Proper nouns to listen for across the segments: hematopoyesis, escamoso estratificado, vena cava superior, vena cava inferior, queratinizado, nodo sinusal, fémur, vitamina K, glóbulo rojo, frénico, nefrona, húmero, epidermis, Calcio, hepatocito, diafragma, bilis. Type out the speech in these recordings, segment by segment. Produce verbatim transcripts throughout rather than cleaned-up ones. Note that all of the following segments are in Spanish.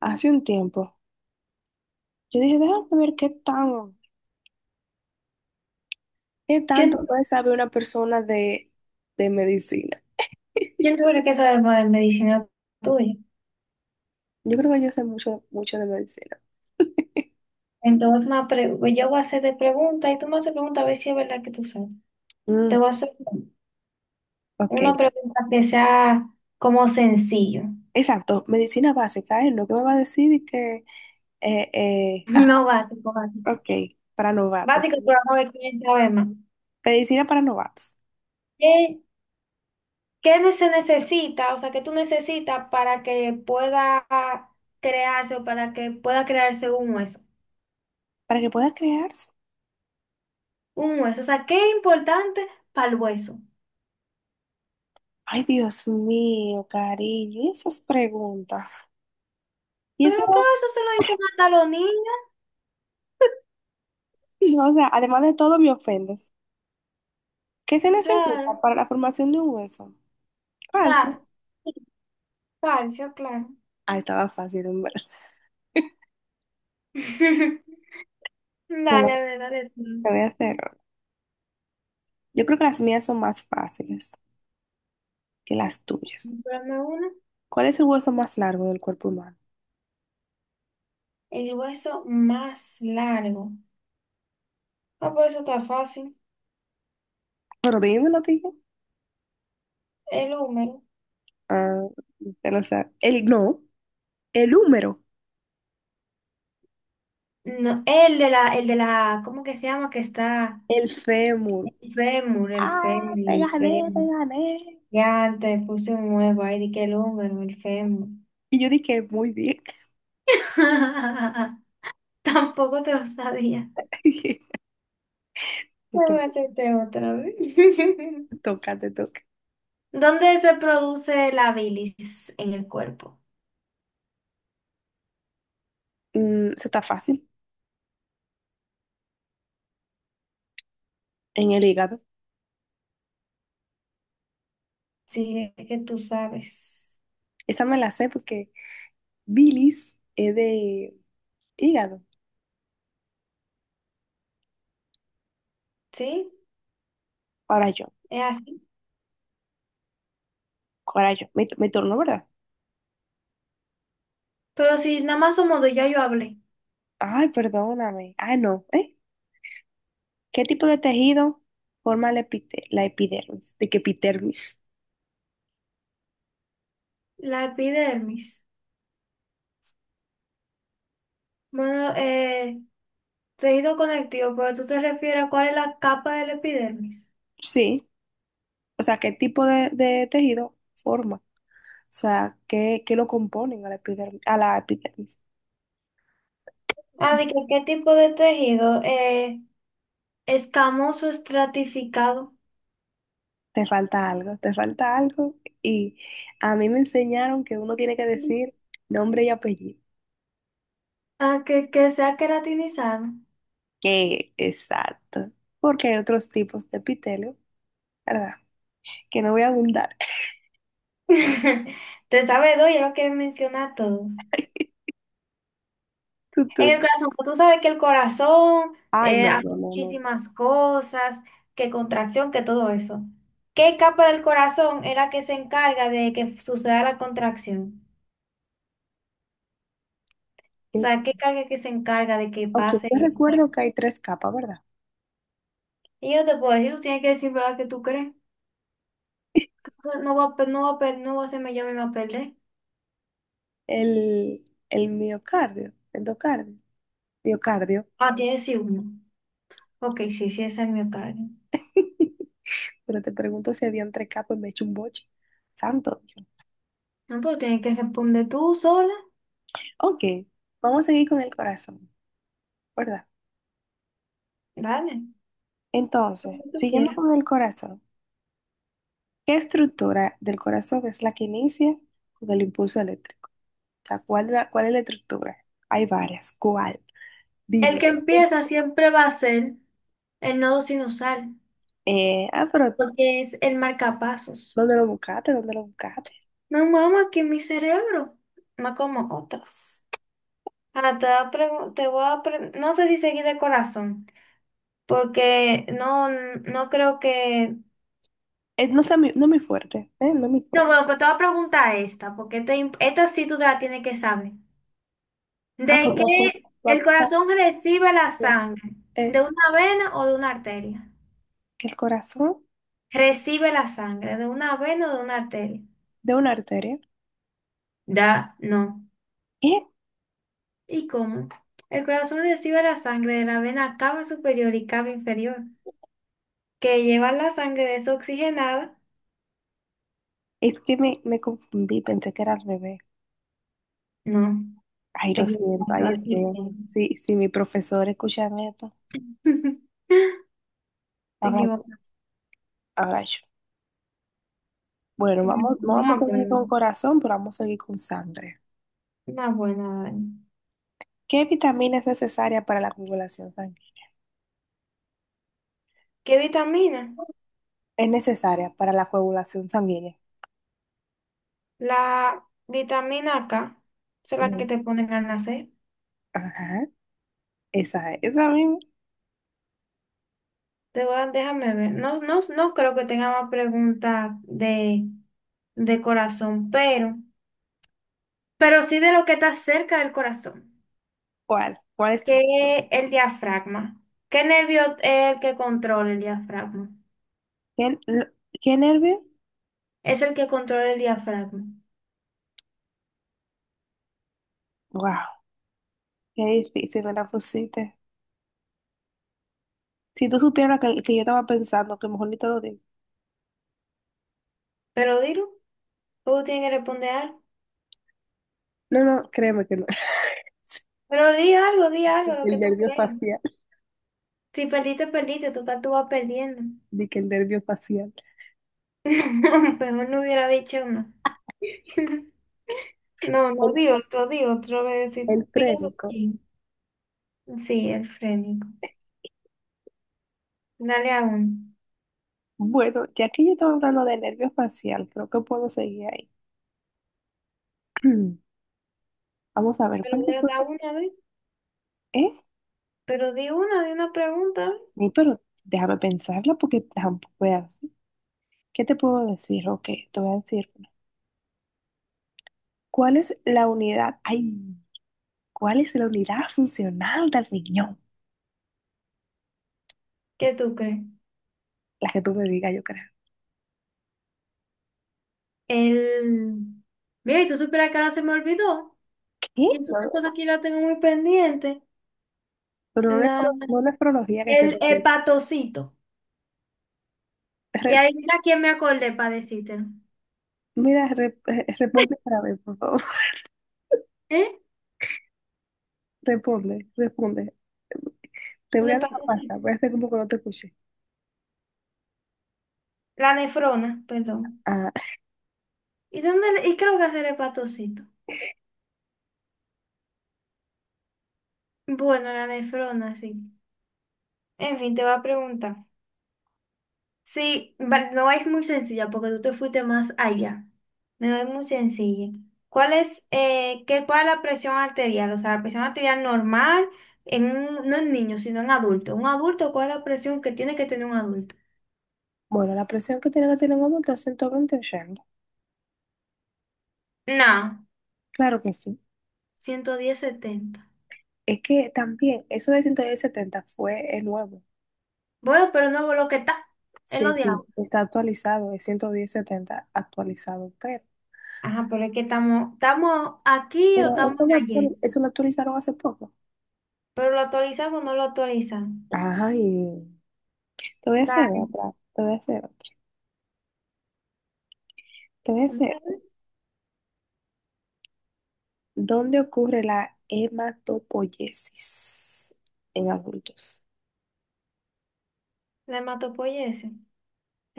Hace un tiempo. Yo dije, déjame ver qué tan, qué ¿Quién, tanto puede saber una persona de, de medicina. quién tuviera que saber más de medicina tuya? Yo creo que yo sé mucho, mucho de medicina. Entonces, una pre- pues, yo voy a hacer de preguntas y tú me haces preguntas a ver si es verdad que tú sabes. Te Mm, voy a hacer una ok, pregunta que sea como sencillo. exacto, medicina básica, ¿eh? Lo que me va a decir y que, eh, eh, ah, No básico, básico. ok, para novatos. Básico, pero vamos a ver quién sabe más. Medicina para novatos, ¿Qué, qué se necesita, o sea, qué tú necesitas para que pueda crearse o para que pueda crearse un hueso? para que pueda crearse. Un hueso, o sea, qué es importante para el hueso. Ay, Dios mío, cariño, y esas preguntas. Y Pero eso, claro, eso se lo dicen hasta los niños, o sea, además de todo, me ofendes. ¿Qué se claro. necesita O para la formación de un hueso? Falso. sea, calcio, claro. Ah, estaba fácil, en verdad. Dale, a Bueno, ver, dale, tú. te voy a hacer. Yo creo que las mías son más fáciles que las tuyas. Dame una. ¿Cuál es el hueso más largo del cuerpo humano? El hueso más largo. Ah, pues eso está fácil. Pero dímelo, tío. El húmero. Ah, te lo sabes. El, no, el húmero. No, el de la, el de la, ¿cómo que se llama? Que está El fémur. el fémur, el Ah, fémur, te el gané, te fémur. gané. Ya te puse un huevo ahí, di que el húmero, el fémur. Y yo dije, muy bien. Tampoco te lo sabía. Te Voy a hacerte otra vez. toca, te toca. ¿Dónde se produce la bilis en el cuerpo? Mm, eso está fácil. En el hígado. Sí, es que tú sabes. Esa me la sé porque bilis es de hígado. Sí, Ahora yo, es así. ahora yo. Me, me turno, ¿verdad? Pero si nada más somos dos, ya yo hablé. Ay, perdóname. Ah, no. ¿Eh? ¿Qué tipo de tejido forma la, epite- la epidermis? ¿De qué epidermis? La epidermis. Bueno, eh, tejido conectivo, pero tú te refieres a cuál es la capa de la epidermis. Sí. O sea, ¿qué tipo de, de tejido forma? O sea, ¿qué, qué lo componen a la epidermis, a la epidermis? Ah, de que qué tipo de tejido. Eh, Escamoso estratificado. Te falta algo, te falta algo. Y a mí me enseñaron que uno tiene que decir nombre y apellido. Ah, que, que sea queratinizado. Que exacto. Porque hay otros tipos de epitelio, ¿verdad? Que no voy a abundar. Te sabe dos, ya lo quieren mencionar todos. Tu En el turno. corazón, pues tú sabes que el corazón Ay, eh, no, hace no, no, muchísimas cosas, que contracción, que todo eso. ¿Qué capa del corazón es la que se encarga de que suceda la contracción? O no. sea, ¿qué carga que se encarga de que Ok, pase? yo este- recuerdo que hay tres capas, ¿verdad? Y yo te puedo decir, tú tienes que decir, ¿verdad? Que tú crees. No va a, pe- no va a, pe- no va a hacerme yo misma perder. El, el miocardio, endocardio, miocardio. Ah, tienes sí uno. Ok, sí, sí, esa es mi carga. Pero te pregunto si habían tres capas y me echo un boche. Santo. Dios. No, pero tienes que responder tú sola. Ok, vamos a seguir con el corazón, ¿verdad? Dale, Entonces, como tú siguiendo quieras. con el corazón, ¿qué estructura del corazón es la que inicia con el impulso eléctrico? O sea, ¿cuál, la- cuál es la estructura? Hay varias. ¿Cuál? El que Dímelo. empieza siempre va a ser el nodo sinusal, Eh, ah, pero porque es el marcapasos. ¿dónde lo buscaste? ¿Dónde lo buscaste? No, mamá, que mi cerebro, no como otros. Ahora te voy a pregun- te voy a pre- No sé si seguí de corazón, porque no, no creo que... Eh, no está mi, no muy fuerte, ¿eh? No muy No, fuerte. bueno, pues te voy a preguntar esta, porque esta, im- esta sí tú te la tienes que saber. Ah, ¿De pues va a pu- qué va a el apuntar corazón recibe la sangre? Eh, ¿De una vena o de una arteria? que el corazón Recibe la sangre, ¿de una vena o de una arteria? de una arteria. Da, no. ¿Qué? ¿Y cómo? El corazón recibe la sangre de la vena cava superior y cava inferior, que lleva la sangre desoxigenada. Es que me, me confundí, pensé que era al revés. No, Ay, te lo equivocas, siento, te ay, vas Dios bien. mío. Sí, sí, mi profesor escuchan esto. Te Ahora, equivocas. ahora yo. Bueno, vamos, no vamos Una buena, a seguir con corazón, pero vamos a seguir con sangre. una buena. Dani. ¿Qué vitamina es necesaria para la coagulación sanguínea? ¿Qué vitamina? Es necesaria para la coagulación sanguínea. La vitamina K, esa es la que Mm. te ponen al nacer. Ajá, esa, es, esa misma. Te voy a- déjame ver. No, no, no creo que tenga más preguntas de, de corazón, pero, pero sí de lo que está cerca del corazón. ¿Cuál? ¿Cuál es tu? Qué el diafragma. ¿Qué nervio es el que controla el diafragma? ¿Qué, lo- qué nervio? Es el que controla el diafragma. Wow, qué difícil me la pusiste. Si tú supieras que, que yo estaba pensando, que mejor ni te lo digo. Pero dilo, tú tienes que responder algo. No, no, créeme que no. Pero di algo, di algo, lo que El tú nervio creas. facial, Si perdiste, perdiste, total tú vas perdiendo. di que el nervio facial. No, mejor no hubiera dicho no. No, no, El, di otro, di otro, voy a decir, el pienso un trénico. chin. Sí, el frénico. Dale a uno. Bueno, ya que yo estaba hablando de nervio facial, creo que puedo seguir ahí. Vamos a ver, Pero ¿cuál di- puedo- da una, a ver. ¿eh? Pero di una, di una pregunta, a ver. Sí, pero déjame pensarlo porque tampoco es así. ¿Qué te puedo decir? Ok, te voy a decir. Una. ¿Cuál es la unidad? Ay, ¿cuál es la unidad funcional del riñón? ¿Qué tú crees? La que tú me digas, yo creo. El... Mira, y tú supieras que ahora se me olvidó. ¿Qué? Y es una No, cosa que yo la tengo muy pendiente. pero no, La... nefro- no nefrología que se te El olvide. hepatocito. Y Re- adivina quién me acordé para decírtelo. mira, re- eh, responde para ver, por favor. ¿Eh? Responde, responde. Te voy El a dejar pasar, hepatocito. voy a hacer como que no te escuché. La nefrona, perdón. Ah, ¿Y dónde? le- ¿Y qué es lo que hace el hepatocito? Bueno, la nefrona, sí. En fin, te voy a preguntar. Sí, va- no es muy sencilla porque tú te fuiste más allá. No es muy sencilla. ¿Cuál es, eh, qué, cuál es la presión arterial? O sea, la presión arterial normal, en un- no en niños, sino en adultos. ¿Un adulto cuál es la presión que tiene que tener un adulto? bueno, la presión que tiene que tener un hombre está ciento veinte 80. No, Claro que sí. ciento diez setenta. Es que también, eso de ciento diez setenta fue eh, nuevo. Bueno, pero no lo que está, es lo Sí, de ahora. sí, está actualizado, es ciento diez setenta actualizado, pero, Ajá, pero es que estamos, ¿estamos aquí o pero estamos eso lo, en ayer? actual- eso lo actualizaron hace poco. ¿Pero lo actualizan o no lo actualizan? Ay, te voy a hacer Dale, otra, te voy a hacer otra, te voy a hacer dale, ¿Dónde ocurre la hematopoiesis en adultos? la hematopoyesis.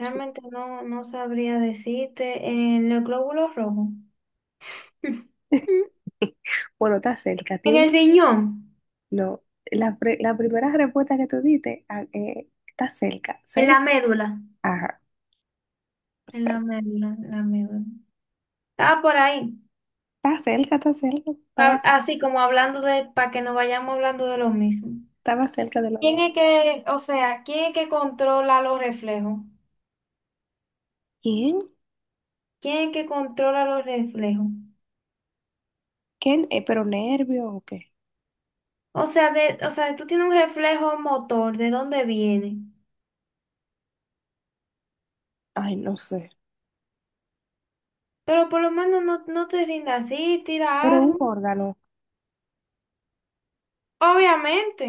Sí. no, no sabría decirte. En el glóbulo rojo. Bueno, está cerca. En Tiene un- el riñón, No, la, pre- la primera respuesta que tú diste ah, eh, está cerca. en la ¿Cel? médula, Ajá. en la Exacto. médula, en la médula. Ah, por ahí. Está cerca, está cerca. Estaba, Pa- así como hablando de, para que no vayamos hablando de lo mismo. estaba cerca del órgano. ¿Quién es que, o sea, quién es que controla los reflejos? ¿Quién? ¿Quién es que controla los reflejos? ¿Quién? Eh, ¿pero nervio o qué? O sea, de, o sea, tú tienes un reflejo motor, ¿de dónde viene? Ay, no sé. Pero por lo menos no, no te rindas así, tira Pero un algo. órgano Obviamente.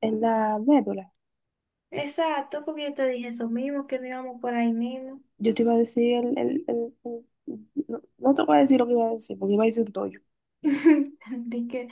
en la médula. Exacto, porque yo te dije eso mismo, que no íbamos por ahí mismo. Yo te iba a decir el... el- el- el- no, no te voy a decir lo que iba a decir, porque iba a decir un toyo. Dije,